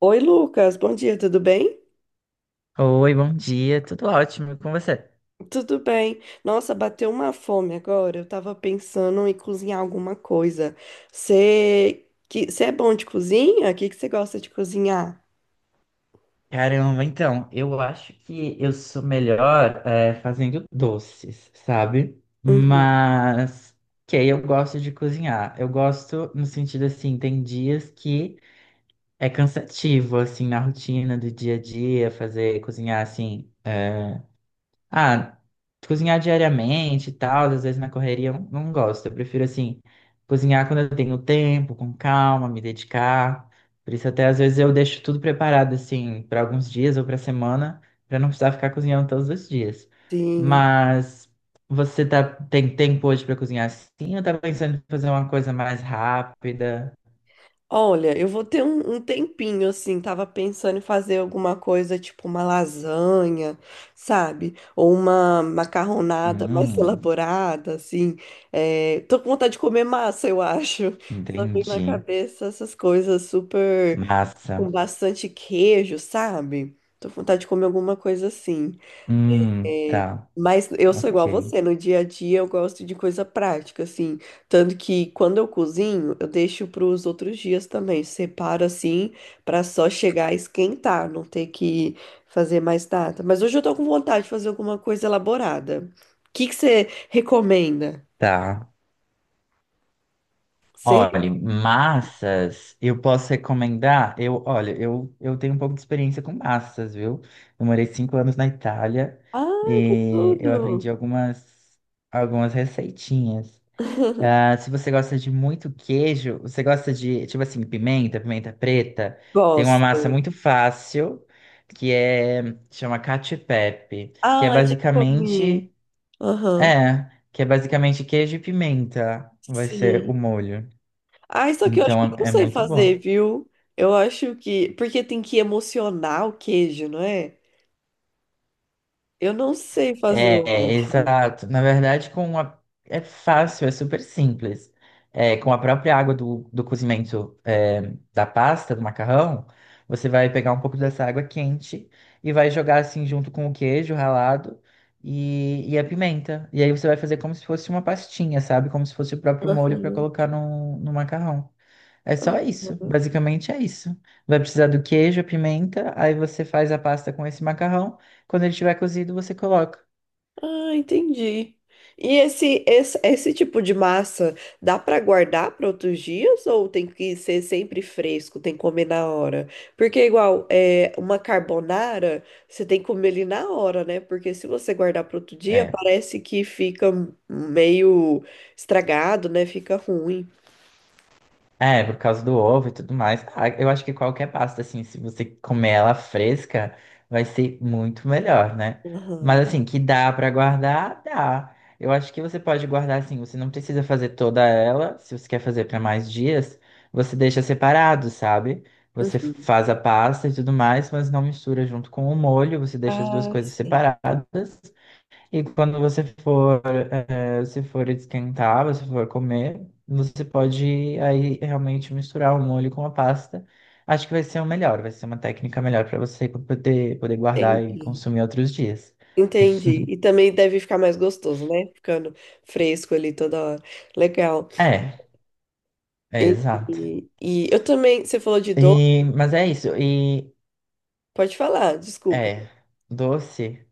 Oi, Lucas, bom dia, tudo bem? Oi, bom dia, tudo ótimo e com você? Tudo bem. Nossa, bateu uma fome agora. Eu tava pensando em cozinhar alguma coisa. Você que você é bom de cozinha? O que que você gosta de cozinhar? Caramba, então, eu acho que eu sou melhor fazendo doces, sabe? Uhum, Mas, que eu gosto de cozinhar. Eu gosto no sentido assim, tem dias que é cansativo, assim, na rotina do dia a dia, fazer, cozinhar, assim, Ah, cozinhar diariamente e tal, às vezes na correria eu não gosto. Eu prefiro, assim, cozinhar quando eu tenho tempo, com calma, me dedicar. Por isso, até às vezes eu deixo tudo preparado, assim, para alguns dias ou para semana, para não precisar ficar cozinhando todos os dias. sim. Mas você tem tempo hoje para cozinhar assim ou tá pensando em fazer uma coisa mais rápida? Olha, eu vou ter um tempinho assim. Tava pensando em fazer alguma coisa tipo uma lasanha, sabe? Ou uma macarronada mais Hum, elaborada, assim. É, tô com vontade de comer massa, eu acho. Só vem na entendi. cabeça essas coisas super Massa. com bastante queijo, sabe? Tô com vontade de comer alguma coisa assim. É, Tá. mas eu sou Ok. igual a você, no dia a dia eu gosto de coisa prática, assim. Tanto que quando eu cozinho, eu deixo para os outros dias também. Separo assim, para só chegar a esquentar, não ter que fazer mais nada. Mas hoje eu tô com vontade de fazer alguma coisa elaborada. O que que você recomenda? Tá. Você... Olha, massas, eu posso recomendar? Eu, olha, eu tenho um pouco de experiência com massas, viu? Eu morei 5 anos na Itália Ai, que e eu aprendi tudo! algumas receitinhas. Ah, se você gosta de muito queijo, você gosta de, tipo assim, pimenta, pimenta preta, tem uma massa Gosto. muito fácil que é, chama cacio e pepe, que é Ai, já comi. basicamente, Aham. que é basicamente queijo e pimenta, vai ser Sim. o molho. Ah, isso aqui eu acho que eu Então não é sei muito fazer, bom. viu? Eu acho que. Porque tem que emocionar o queijo, não é? Eu não sei fazer o. É, exato. Na verdade, é fácil, é super simples. É, com a própria água do cozimento, é, da pasta, do macarrão, você vai pegar um pouco dessa água quente e vai jogar assim junto com o queijo ralado e a pimenta. E aí você vai fazer como se fosse uma pastinha, sabe? Como se fosse o próprio molho para colocar no macarrão. É só isso, basicamente é isso. Vai precisar do queijo, a pimenta, aí você faz a pasta com esse macarrão. Quando ele estiver cozido, você coloca. Ah, entendi. E esse tipo de massa dá para guardar para outros dias ou tem que ser sempre fresco, tem que comer na hora? Porque igual é uma carbonara, você tem que comer ele na hora, né? Porque se você guardar para outro dia, É. parece que fica meio estragado, né? Fica ruim. É, por causa do ovo e tudo mais. Ah, eu acho que qualquer pasta, assim, se você comer ela fresca, vai ser muito melhor, né? Mas Aham. assim, que dá pra guardar, dá. Eu acho que você pode guardar assim, você não precisa fazer toda ela, se você quer fazer pra mais dias, você deixa separado, sabe? Você Uhum. faz a pasta e tudo mais, mas não mistura junto com o molho, você deixa as duas Ah, coisas sim. separadas. E quando você for, se for esquentar, você for comer, você pode aí realmente misturar o molho com a pasta. Acho que vai ser o melhor, vai ser uma técnica melhor para você poder guardar e Entendi. consumir outros dias. Entendi. E também deve ficar mais gostoso, né? Ficando fresco ali toda hora. Legal. É, é E, exato. e eu também, você falou de doce, E, mas é isso. E pode falar, desculpa. é doce.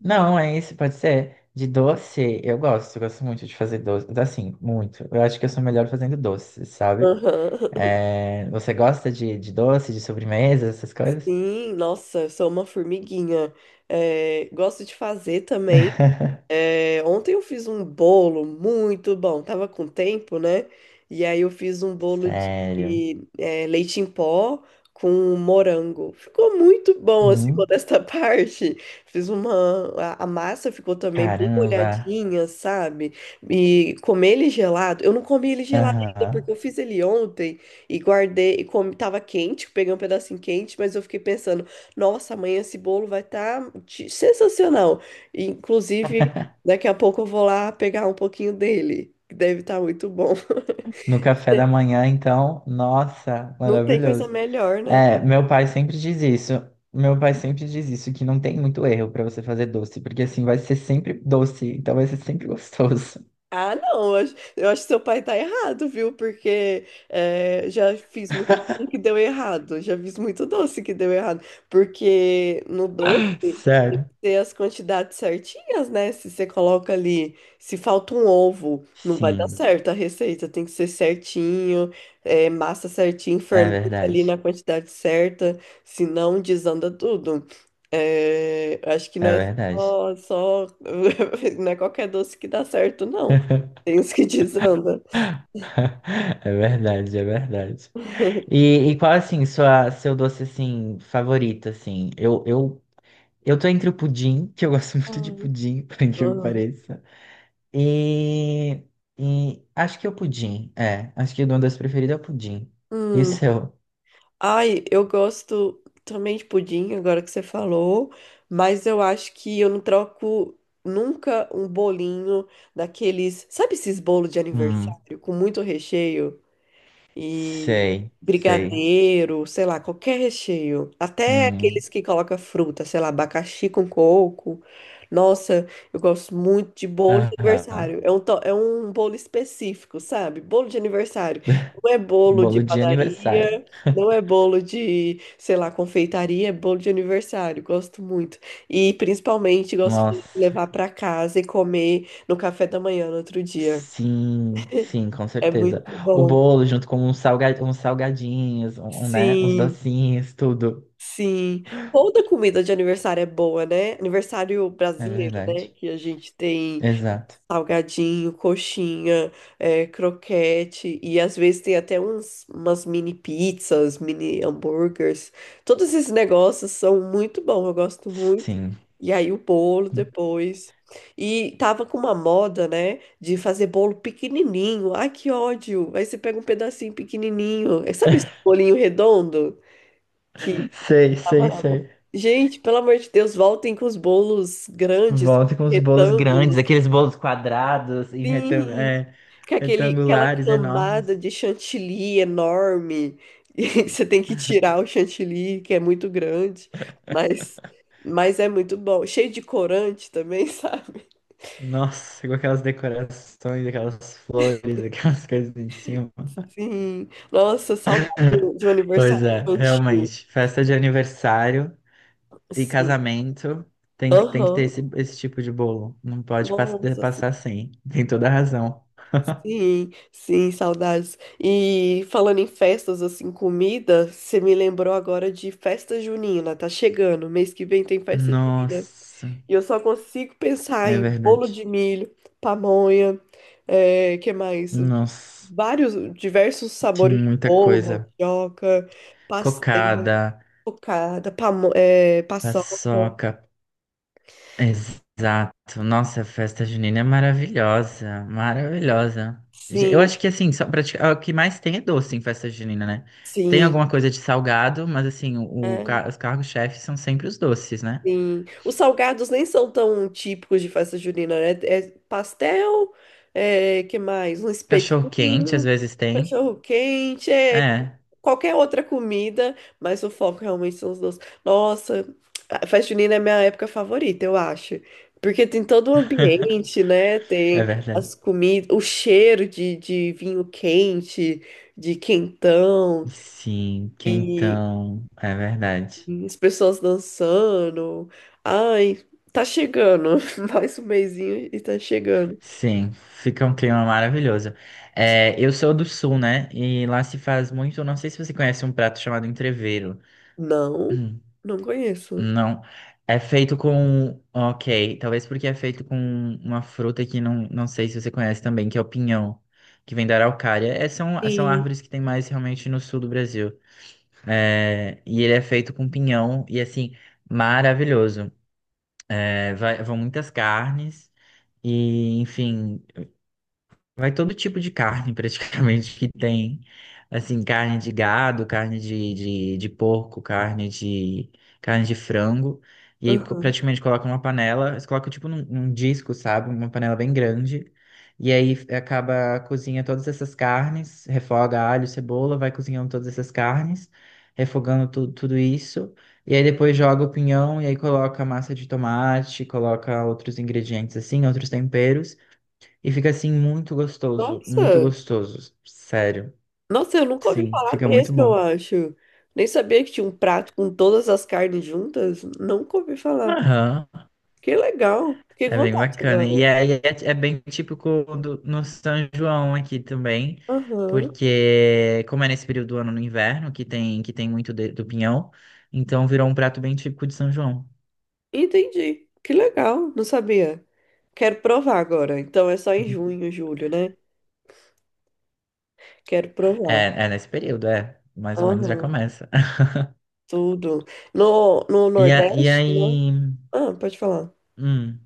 Não, é isso, pode ser. De doce, eu gosto muito de fazer doce, assim, muito. Eu acho que eu sou melhor fazendo doce, sabe? Aham. É, você gosta de doce, de sobremesa, essas coisas? Sim, nossa, eu sou uma formiguinha. É, gosto de fazer também. É, ontem eu fiz um bolo muito bom, tava com tempo, né? E aí eu fiz um bolo de Sério. Leite em pó com morango. Ficou muito bom, assim, Hum. modesta parte. Fiz uma. A massa ficou também bem Caramba. molhadinha, sabe? E comer ele gelado. Eu não comi ele gelado ainda, porque Aham. eu fiz ele ontem e guardei. E comi, tava quente, peguei um pedacinho quente, mas eu fiquei pensando, nossa, amanhã esse bolo vai estar sensacional. Inclusive. Daqui a pouco eu vou lá pegar um pouquinho dele, que deve estar muito bom. No café da manhã, então, nossa, Não tem coisa maravilhoso. melhor, né? É, meu pai sempre diz isso. Meu pai sempre diz isso, que não tem muito erro pra você fazer doce, porque assim vai ser sempre doce, então vai ser sempre gostoso. Ah, não, eu acho que seu pai tá errado, viu? Porque é, já fiz muito doce que deu errado, já fiz muito doce que deu errado. Porque no doce, Sério. ter as quantidades certinhas, né? Se você coloca ali, se falta um ovo, não vai dar Sim, certo a receita, tem que ser certinho, é, massa certinho, é fermenta ali na verdade. quantidade certa, senão desanda tudo. É, acho que não É é verdade. só, só- não é qualquer doce que dá certo, não. Tem os que desanda. É verdade. E qual, assim, seu doce, assim, favorito, assim? Eu tô entre o pudim, que eu gosto muito de Ai, pudim, por incrível que ai. pareça. E, e acho que é o pudim, é. Acho que o meu doce preferido é o pudim. E o Hum. seu? Ai, eu gosto também de pudim, agora que você falou, mas eu acho que eu não troco nunca um bolinho daqueles, sabe esses bolos de Hum, aniversário com muito recheio? E sei. brigadeiro, sei lá, qualquer recheio. Até Hum, aqueles que colocam fruta, sei lá, abacaxi com coco. Nossa, eu gosto muito de bolo de aham. aniversário. É é um bolo específico, sabe? Bolo de aniversário. Não é bolo de Bolo de aniversário. padaria, não é bolo de, sei lá, confeitaria, é bolo de aniversário. Gosto muito. E principalmente gosto de Nossa, levar para casa e comer no café da manhã no outro dia. Sim, com É certeza. muito O bom. bolo junto com uns uns salgadinhos, um, né, uns Sim. docinhos, tudo. Sim, toda comida de aniversário é boa, né? Aniversário É brasileiro, né? verdade. Que a gente tem Exato. salgadinho, coxinha, é, croquete e às vezes tem até uns, umas mini pizzas, mini hambúrgueres. Todos esses negócios são muito bons, eu gosto muito. Sim. E aí o bolo depois. E tava com uma moda, né? De fazer bolo pequenininho. Ai, que ódio! Aí você pega um pedacinho pequenininho. Sabe esse bolinho redondo? Tava lá. sei. Gente, pelo amor de Deus, voltem com os bolos grandes, Volta com os bolos grandes, retângulos. aqueles bolos quadrados em Sim, é, com aquela retangulares camada enormes. de chantilly enorme. E você tem que tirar o chantilly, que é muito grande, mas, mas é muito bom. Cheio de corante também, sabe? Nossa, com aquelas decorações, aquelas flores, aquelas coisas em cima. Sim. Nossa, saudade de um de um Pois aniversário é, infantil. realmente. Festa de aniversário e Sim. casamento tem que ter Aham. esse, esse tipo de bolo. Não pode Nossa, passar sem. Tem toda a razão. sim, sim, saudades. E falando em festas, assim, comida, você me lembrou agora de festa junina, tá chegando. Mês que vem tem festa junina. Nossa, E eu só consigo pensar é em bolo verdade. de milho, pamonha, é, que mais? Nossa. Vários, diversos Tinha sabores de muita bolo, coisa. mandioca, pastel, Cocada, cocada, pamo, é, paçoca. paçoca, exato. Nossa, a festa junina é maravilhosa, maravilhosa. Eu Sim, acho que assim, ah, o que mais tem é doce em festa junina, né? Tem sim. alguma coisa de salgado, mas assim, o É. Os cargos-chefes são sempre os doces, né? Sim. Os salgados nem são tão típicos de festa junina, né? É pastel, é, que mais? Um Cachorro-quente às espetinho, vezes tem. cachorro-quente, é É, qualquer outra comida, mas o foco realmente são os doces. Nossa, a festa junina é minha época favorita, eu acho. Porque tem todo o ambiente, né? é Tem verdade. as comidas, o cheiro de vinho quente, de quentão. Sim, E quentão, é verdade. as pessoas dançando. Ai, tá chegando. Mais um mesinho e tá chegando. Sim, fica um clima maravilhoso. É, eu sou do sul, né? E lá se faz muito. Não sei se você conhece um prato chamado entrevero. Não, Hum, não conheço. não. É feito com. Ok, talvez porque é feito com uma fruta que não sei se você conhece também, que é o pinhão, que vem da araucária. É, são Sim. árvores que tem mais realmente no sul do Brasil. É, e ele é feito com pinhão, e assim, maravilhoso. É, vão muitas carnes, e enfim. Vai todo tipo de carne, praticamente, que tem. Assim, carne de gado, carne de, de porco, carne de frango. E aí, Aham. praticamente, coloca numa panela. Eles colocam, tipo, num disco, sabe? Uma panela bem grande. E aí, acaba, cozinha todas essas carnes. Refoga alho, cebola, vai cozinhando todas essas carnes. Refogando tudo isso. E aí, depois joga o pinhão. E aí, coloca massa de tomate. Coloca outros ingredientes, assim, outros temperos. E fica assim muito Nossa, gostoso, sério. nossa, eu nunca ouvi Sim, falar fica muito mesmo, eu bom. acho. Nem sabia que tinha um prato com todas as carnes juntas. Nunca ouvi falar. Aham, Que legal. Fiquei com é bem vontade bacana. Agora. É bem típico do, no São João aqui também, Aham. porque como é nesse período do ano no inverno, que tem muito do pinhão, então virou um prato bem típico de São João. Entendi. Que legal. Não sabia. Quero provar agora. Então é só em Uhum. junho, julho, né? Quero provar. É, é nesse período, é. Mais ou menos já Aham. começa. Tudo. No E, a, e Nordeste, né? aí. Ah, pode falar. Hum,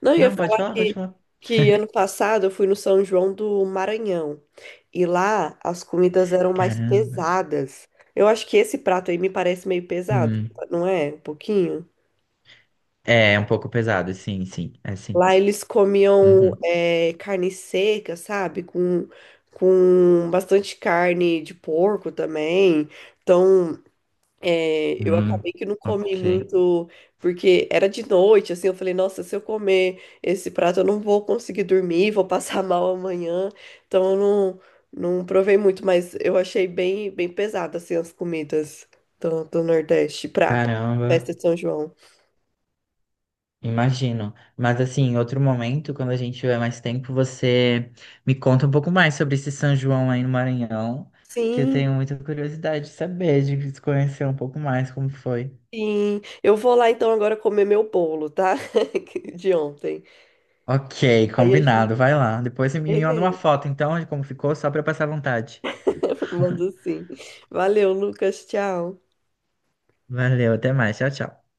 Não, eu ia não, falar pode falar. que ano passado eu fui no São João do Maranhão. E lá as comidas eram mais Caramba. pesadas. Eu acho que esse prato aí me parece meio pesado, Hum, não é? Um pouquinho. é é um pouco pesado, sim, sim, é sim. Lá eles comiam Uhum. é, carne seca, sabe? Com bastante carne de porco também. Então, é, eu Hum, acabei que não comi ok. muito, porque era de noite, assim, eu falei, nossa, se eu comer esse prato, eu não vou conseguir dormir, vou passar mal amanhã, então eu não provei muito, mas eu achei bem pesado, assim, as comidas do Nordeste pra Caramba, festa de São João. imagino. Mas assim, em outro momento, quando a gente tiver mais tempo, você me conta um pouco mais sobre esse São João aí no Maranhão, que eu Sim, tenho muita curiosidade de saber, de se conhecer um pouco mais como foi. sim, eu vou lá então agora comer meu bolo, tá? De ontem. Ok, Aí a gente, combinado, vai lá. Depois você me manda uma beleza, foto então de como ficou, só para eu passar vontade. mando sim. Valeu, Lucas, tchau. Valeu, até mais, tchau, tchau.